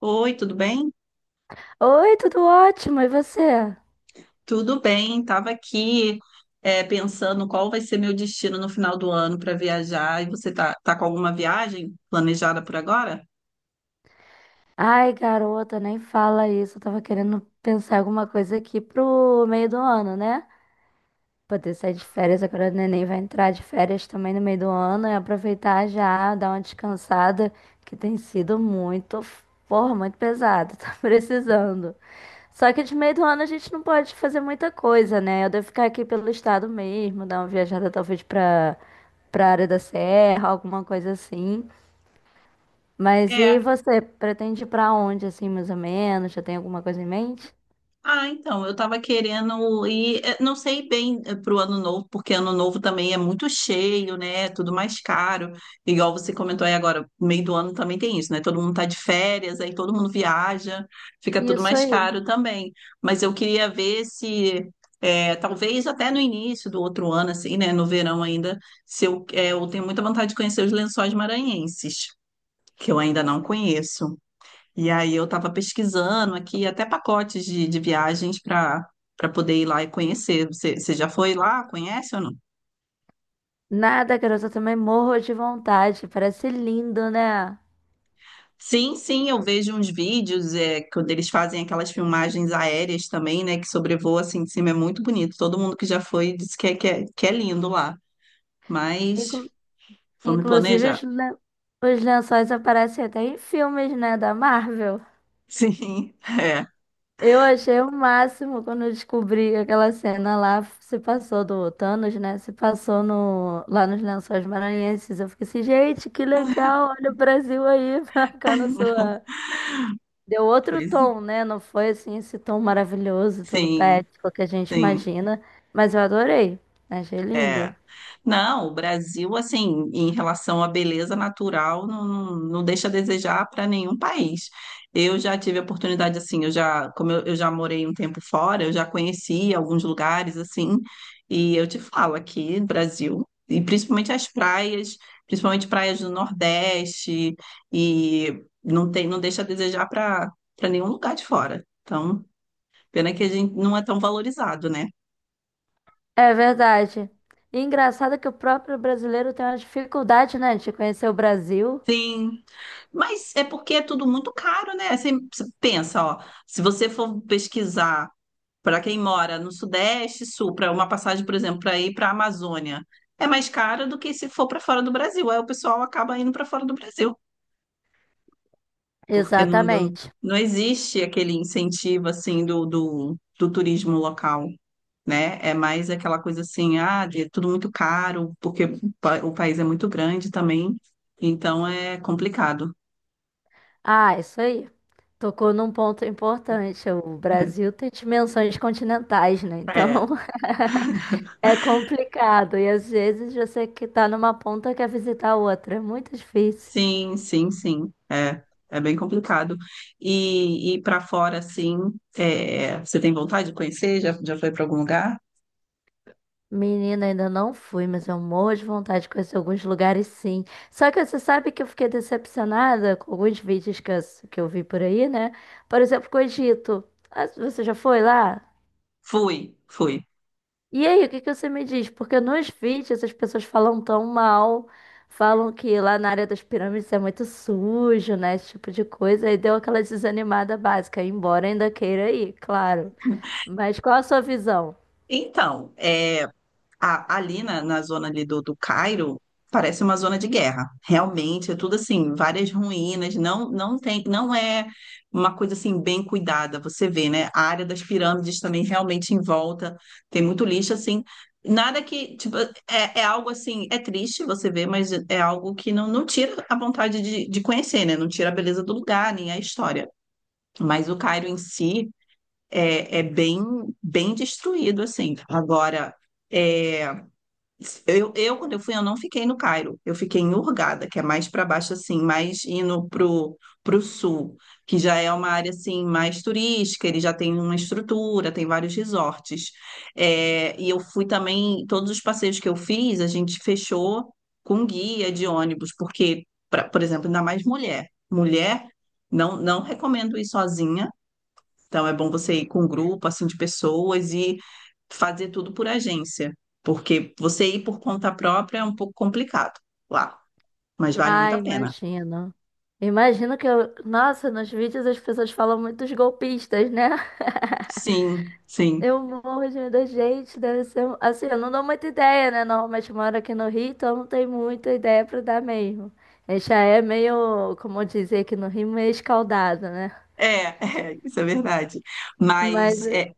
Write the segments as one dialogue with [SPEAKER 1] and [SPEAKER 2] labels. [SPEAKER 1] Oi, tudo bem?
[SPEAKER 2] Oi, tudo ótimo, e você?
[SPEAKER 1] Tudo bem, estava aqui pensando qual vai ser meu destino no final do ano para viajar. E você tá com alguma viagem planejada por agora?
[SPEAKER 2] Ai, garota, nem fala isso. Eu tava querendo pensar alguma coisa aqui pro meio do ano, né? Poder sair de férias, agora o neném vai entrar de férias também no meio do ano e aproveitar já, dar uma descansada, que tem sido muito, porra, muito pesado, tá precisando. Só que de meio do ano a gente não pode fazer muita coisa, né? Eu devo ficar aqui pelo estado mesmo, dar uma viajada talvez pra área da serra, alguma coisa assim. Mas e
[SPEAKER 1] É,
[SPEAKER 2] você pretende ir pra onde, assim, mais ou menos? Já tem alguma coisa em mente?
[SPEAKER 1] Ah, então, eu estava querendo ir, não sei bem para o ano novo, porque ano novo também é muito cheio, né? É Tudo mais caro. Igual você comentou aí agora, meio do ano também tem isso, né? Todo mundo tá de férias, aí todo mundo viaja, fica tudo
[SPEAKER 2] Isso
[SPEAKER 1] mais
[SPEAKER 2] aí.
[SPEAKER 1] caro também. Mas eu queria ver se, talvez até no início do outro ano, assim, né? No verão ainda, se eu tenho muita vontade de conhecer os Lençóis Maranhenses, que eu ainda não conheço. E aí eu estava pesquisando aqui até pacotes de viagens para para poder ir lá e conhecer. Você já foi lá? Conhece ou não?
[SPEAKER 2] Nada, garota, eu também morro de vontade. Parece lindo, né?
[SPEAKER 1] Sim, sim, eu vejo uns vídeos quando eles fazem aquelas filmagens aéreas também, né? Que sobrevoa assim de cima, é muito bonito. Todo mundo que já foi disse que é lindo lá. Mas
[SPEAKER 2] Inclu-
[SPEAKER 1] vamos
[SPEAKER 2] inclusive,
[SPEAKER 1] planejar.
[SPEAKER 2] os lençóis aparecem até em filmes, né, da Marvel.
[SPEAKER 1] Sim, é.
[SPEAKER 2] Eu achei o máximo quando eu descobri que aquela cena lá se passou do Thanos, né? Se passou no, lá nos Lençóis Maranhenses. Eu fiquei assim, gente, que legal, olha o Brasil aí marcando sua. Deu outro
[SPEAKER 1] Pois,
[SPEAKER 2] tom, né? Não foi assim esse tom maravilhoso, todo
[SPEAKER 1] sim,
[SPEAKER 2] poético que a gente
[SPEAKER 1] sim,
[SPEAKER 2] imagina, mas eu adorei. Achei
[SPEAKER 1] é.
[SPEAKER 2] lindo.
[SPEAKER 1] Não, o Brasil, assim, em relação à beleza natural, não deixa a desejar para nenhum país. Eu já tive a oportunidade, assim, eu já morei um tempo fora, eu já conheci alguns lugares, assim, e eu te falo aqui, Brasil, e principalmente as praias, principalmente praias do Nordeste, e não tem, não deixa a desejar para para nenhum lugar de fora. Então, pena que a gente não é tão valorizado, né?
[SPEAKER 2] É verdade. E engraçado que o próprio brasileiro tem uma dificuldade, né, de conhecer o Brasil.
[SPEAKER 1] Sim, mas é porque é tudo muito caro, né? Você pensa, ó, se você for pesquisar para quem mora no Sudeste, Sul, para uma passagem, por exemplo, para ir para a Amazônia, é mais cara do que se for para fora do Brasil. Aí o pessoal acaba indo para fora do Brasil, porque
[SPEAKER 2] Exatamente.
[SPEAKER 1] não existe aquele incentivo assim do turismo local, né? É mais aquela coisa assim, ah, é tudo muito caro, porque o o país é muito grande também, então é complicado.
[SPEAKER 2] Ah, isso aí. Tocou num ponto importante. O Brasil tem dimensões continentais, né? Então
[SPEAKER 1] É,
[SPEAKER 2] é complicado. E às vezes você que tá numa ponta quer visitar a outra. É muito difícil.
[SPEAKER 1] sim, sim, sim. É, é bem complicado. E para fora, assim, é, você tem vontade de conhecer? Já foi para algum lugar?
[SPEAKER 2] Menina, ainda não fui, mas eu morro de vontade de conhecer alguns lugares, sim. Só que você sabe que eu fiquei decepcionada com alguns vídeos que eu vi por aí, né? Por exemplo, com o Egito. Ah, você já foi lá?
[SPEAKER 1] Fui, fui.
[SPEAKER 2] E aí, o que que você me diz? Porque nos vídeos as pessoas falam tão mal, falam que lá na área das pirâmides é muito sujo, né? Esse tipo de coisa. E deu aquela desanimada básica, embora ainda queira ir, claro. Mas qual a sua visão?
[SPEAKER 1] Então, é. Ali na zona ali do Cairo, parece uma zona de guerra. Realmente, é tudo assim, várias ruínas, não é uma coisa assim bem cuidada, você vê, né? A área das pirâmides também realmente em volta, tem muito lixo assim. Nada que, tipo, é algo assim, é triste você ver, mas é algo que não tira a vontade de conhecer, né? Não tira a beleza do lugar, nem a história. Mas o Cairo em si é bem, bem destruído, assim. Agora, é, quando eu fui, eu não fiquei no Cairo. Eu fiquei em Hurghada, que é mais para baixo, assim, mais indo pro sul, que já é uma área, assim, mais turística. Ele já tem uma estrutura, tem vários resorts. É, e eu fui também, todos os passeios que eu fiz, a gente fechou com guia de ônibus, porque, por exemplo, ainda mais mulher. Mulher, não recomendo ir sozinha. Então é bom você ir com um grupo assim de pessoas e fazer tudo por agência, porque você ir por conta própria é um pouco complicado lá, mas vale muito
[SPEAKER 2] Ah,
[SPEAKER 1] a pena.
[SPEAKER 2] imagino. Imagino que eu. Nossa, nos vídeos as pessoas falam muito dos golpistas, né?
[SPEAKER 1] Sim, sim.
[SPEAKER 2] Eu morro de medo, gente. Deve ser. Assim, eu não dou muita ideia, né? Normalmente eu moro aqui no Rio, então não tem muita ideia pra dar mesmo. A gente já é meio, como dizer aqui no Rio, meio escaldado, né?
[SPEAKER 1] É, é, isso é verdade.
[SPEAKER 2] Mas.
[SPEAKER 1] Mas é,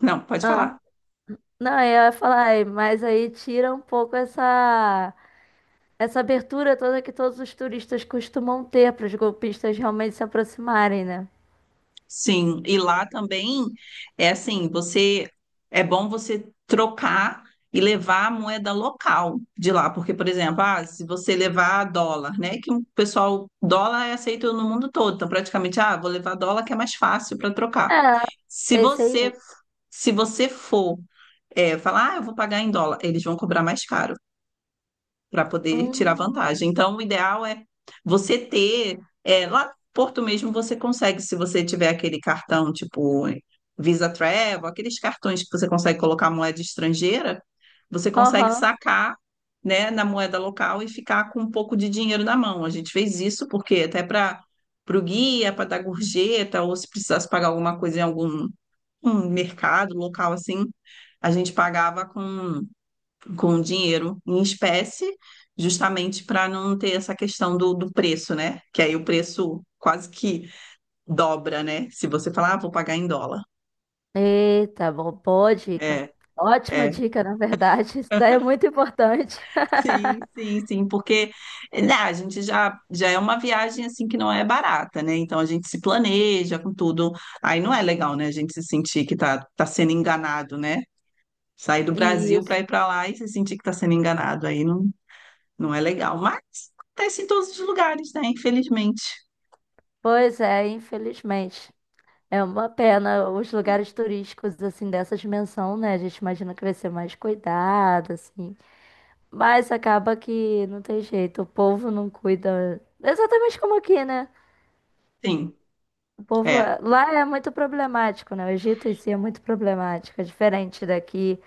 [SPEAKER 1] não, pode falar.
[SPEAKER 2] Não, eu ia falar, "Ai, mas aí tira um pouco essa. Essa abertura toda que todos os turistas costumam ter para os golpistas realmente se aproximarem, né?
[SPEAKER 1] Sim, e lá também é assim, você é bom você trocar e levar a moeda local de lá, porque, por exemplo, ah, se você levar dólar, né? Que o pessoal, dólar é aceito no mundo todo, então praticamente, ah, vou levar dólar que é mais fácil para trocar.
[SPEAKER 2] É,
[SPEAKER 1] Se
[SPEAKER 2] pensei.
[SPEAKER 1] você, se você for é, falar, ah, eu vou pagar em dólar, eles vão cobrar mais caro para poder tirar
[SPEAKER 2] Hum.
[SPEAKER 1] vantagem. Então, o ideal é você ter, é, lá no Porto mesmo você consegue, se você tiver aquele cartão tipo Visa Travel, aqueles cartões que você consegue colocar moeda estrangeira, você consegue
[SPEAKER 2] Aham.
[SPEAKER 1] sacar, né, na moeda local e ficar com um pouco de dinheiro na mão. A gente fez isso porque até para o guia, para dar gorjeta, ou se precisasse pagar alguma coisa em algum um mercado local assim, a gente pagava com dinheiro em espécie, justamente para não ter essa questão do preço, né? Que aí o preço quase que dobra, né? Se você falar, ah, vou pagar em dólar.
[SPEAKER 2] Eita, bom, boa dica.
[SPEAKER 1] É,
[SPEAKER 2] Ótima
[SPEAKER 1] é.
[SPEAKER 2] dica, na verdade. Isso daí é muito importante.
[SPEAKER 1] Sim, sim, sim, porque né, já é uma viagem assim que não é barata, né? Então a gente se planeja com tudo. Aí não é legal, né? A gente se sentir que tá sendo enganado, né? Sair do Brasil para
[SPEAKER 2] Isso.
[SPEAKER 1] ir para lá e se sentir que tá sendo enganado. Aí não, não é legal. Mas acontece em todos os lugares, né? Infelizmente.
[SPEAKER 2] Pois é, infelizmente. É uma pena os lugares turísticos, assim, dessa dimensão, né? A gente imagina que vai ser mais cuidado, assim. Mas acaba que não tem jeito. O povo não cuida. Exatamente como aqui, né?
[SPEAKER 1] Sim,
[SPEAKER 2] O povo
[SPEAKER 1] é.
[SPEAKER 2] lá é muito problemático, né? O Egito em si é muito problemático. É diferente daqui.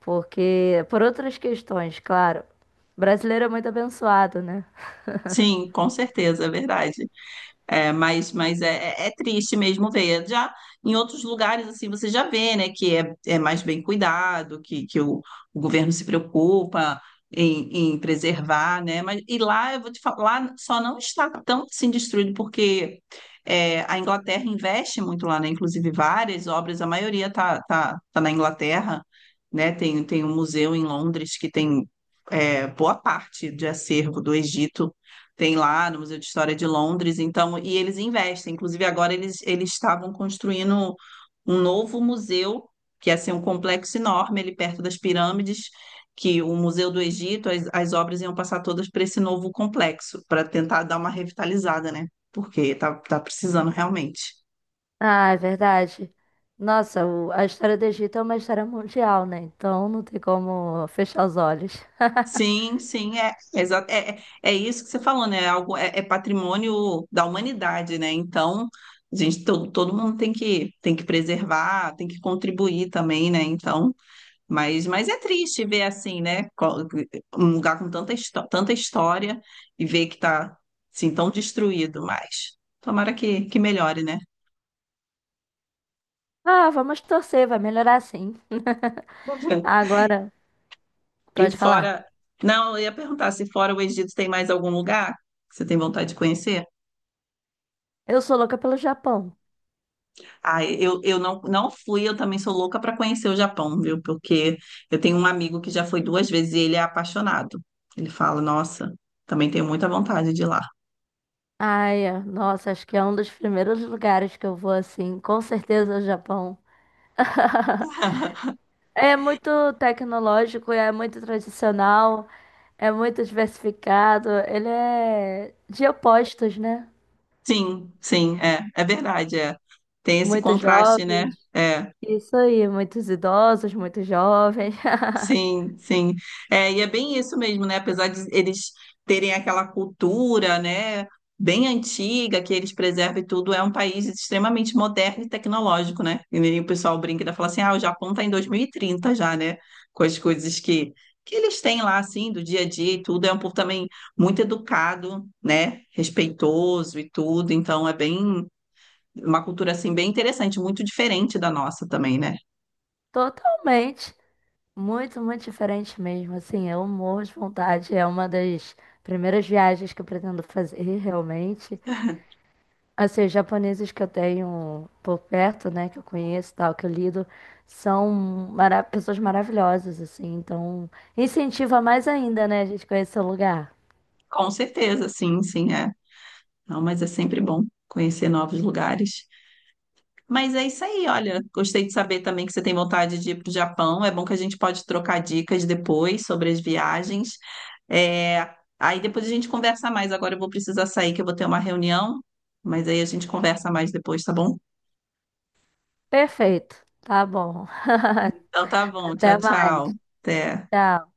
[SPEAKER 2] Porque, por outras questões, claro. Brasileiro é muito abençoado, né?
[SPEAKER 1] Sim, com certeza, é verdade. É, mas é triste mesmo ver. Já em outros lugares, assim, você já vê, né, é mais bem cuidado, que o governo se preocupa em, em preservar, né? Mas, e lá, eu vou te falar, lá só não está tão assim destruído, porque é, a Inglaterra investe muito lá, né? Inclusive várias obras, a maioria tá na Inglaterra, né? Tem, tem um museu em Londres que tem é, boa parte de acervo do Egito tem lá no Museu de História de Londres, então, e eles investem. Inclusive, agora eles estavam construindo um novo museu, que ia ser um complexo enorme ali perto das pirâmides, que o Museu do Egito, as obras iam passar todas para esse novo complexo, para tentar dar uma revitalizada, né? Porque tá precisando realmente.
[SPEAKER 2] Ah, é verdade. Nossa, a história do Egito é uma história mundial, né? Então não tem como fechar os olhos.
[SPEAKER 1] Sim, sim, é, é, é isso que você falou, né? É Algo, é patrimônio da humanidade, né? Então, a gente, todo mundo tem tem que preservar, tem que contribuir também, né? Então, mas é triste ver assim, né? Um lugar com tanta, tanta história e ver que tá, assim, tão destruído, mas tomara que melhore, né?
[SPEAKER 2] Ah, vamos torcer, vai melhorar sim. Agora,
[SPEAKER 1] E
[SPEAKER 2] pode falar.
[SPEAKER 1] fora... Não, eu ia perguntar se fora o Egito tem mais algum lugar que você tem vontade de conhecer?
[SPEAKER 2] Eu sou louca pelo Japão.
[SPEAKER 1] Ah, eu não, não fui, eu também sou louca para conhecer o Japão, viu? Porque eu tenho um amigo que já foi 2 vezes e ele é apaixonado. Ele fala, nossa, também tenho muita vontade de ir lá.
[SPEAKER 2] Ai, nossa, acho que é um dos primeiros lugares que eu vou assim. Com certeza, é o Japão. É muito tecnológico, é muito tradicional, é muito diversificado. Ele é de opostos, né?
[SPEAKER 1] Sim, sim, é, é verdade, é. Tem esse
[SPEAKER 2] Muitos
[SPEAKER 1] contraste, né?
[SPEAKER 2] jovens.
[SPEAKER 1] É.
[SPEAKER 2] Isso aí, muitos idosos, muitos jovens.
[SPEAKER 1] Sim, sim. É, e é bem isso mesmo, né? Apesar de eles terem aquela cultura, né, bem antiga, que eles preservam e tudo, é um país extremamente moderno e tecnológico, né? E aí o pessoal brinca e fala assim: ah, o Japão tá em 2030 já, né? Com as coisas que eles têm lá, assim, do dia a dia e tudo. É um povo também muito educado, né? Respeitoso e tudo. Então é bem. Uma cultura assim bem interessante, muito diferente da nossa também, né?
[SPEAKER 2] Totalmente. Muito, muito diferente mesmo. Assim, eu morro de vontade. É uma das primeiras viagens que eu pretendo fazer, realmente. Assim, os japoneses que eu tenho por perto, né, que eu conheço, e tal, que eu lido, são pessoas maravilhosas, assim. Então, incentiva mais ainda, né, a gente conhecer o lugar.
[SPEAKER 1] Com certeza, sim, sim, é. Não, mas é sempre bom conhecer novos lugares. Mas é isso aí, olha. Gostei de saber também que você tem vontade de ir para o Japão. É bom que a gente pode trocar dicas depois sobre as viagens. É, Aí depois a gente conversa mais. Agora eu vou precisar sair, que eu vou ter uma reunião. Mas aí a gente conversa mais depois, tá bom?
[SPEAKER 2] Perfeito. Tá bom.
[SPEAKER 1] Então tá bom. Tchau,
[SPEAKER 2] Até
[SPEAKER 1] tchau.
[SPEAKER 2] mais.
[SPEAKER 1] Até.
[SPEAKER 2] Tchau.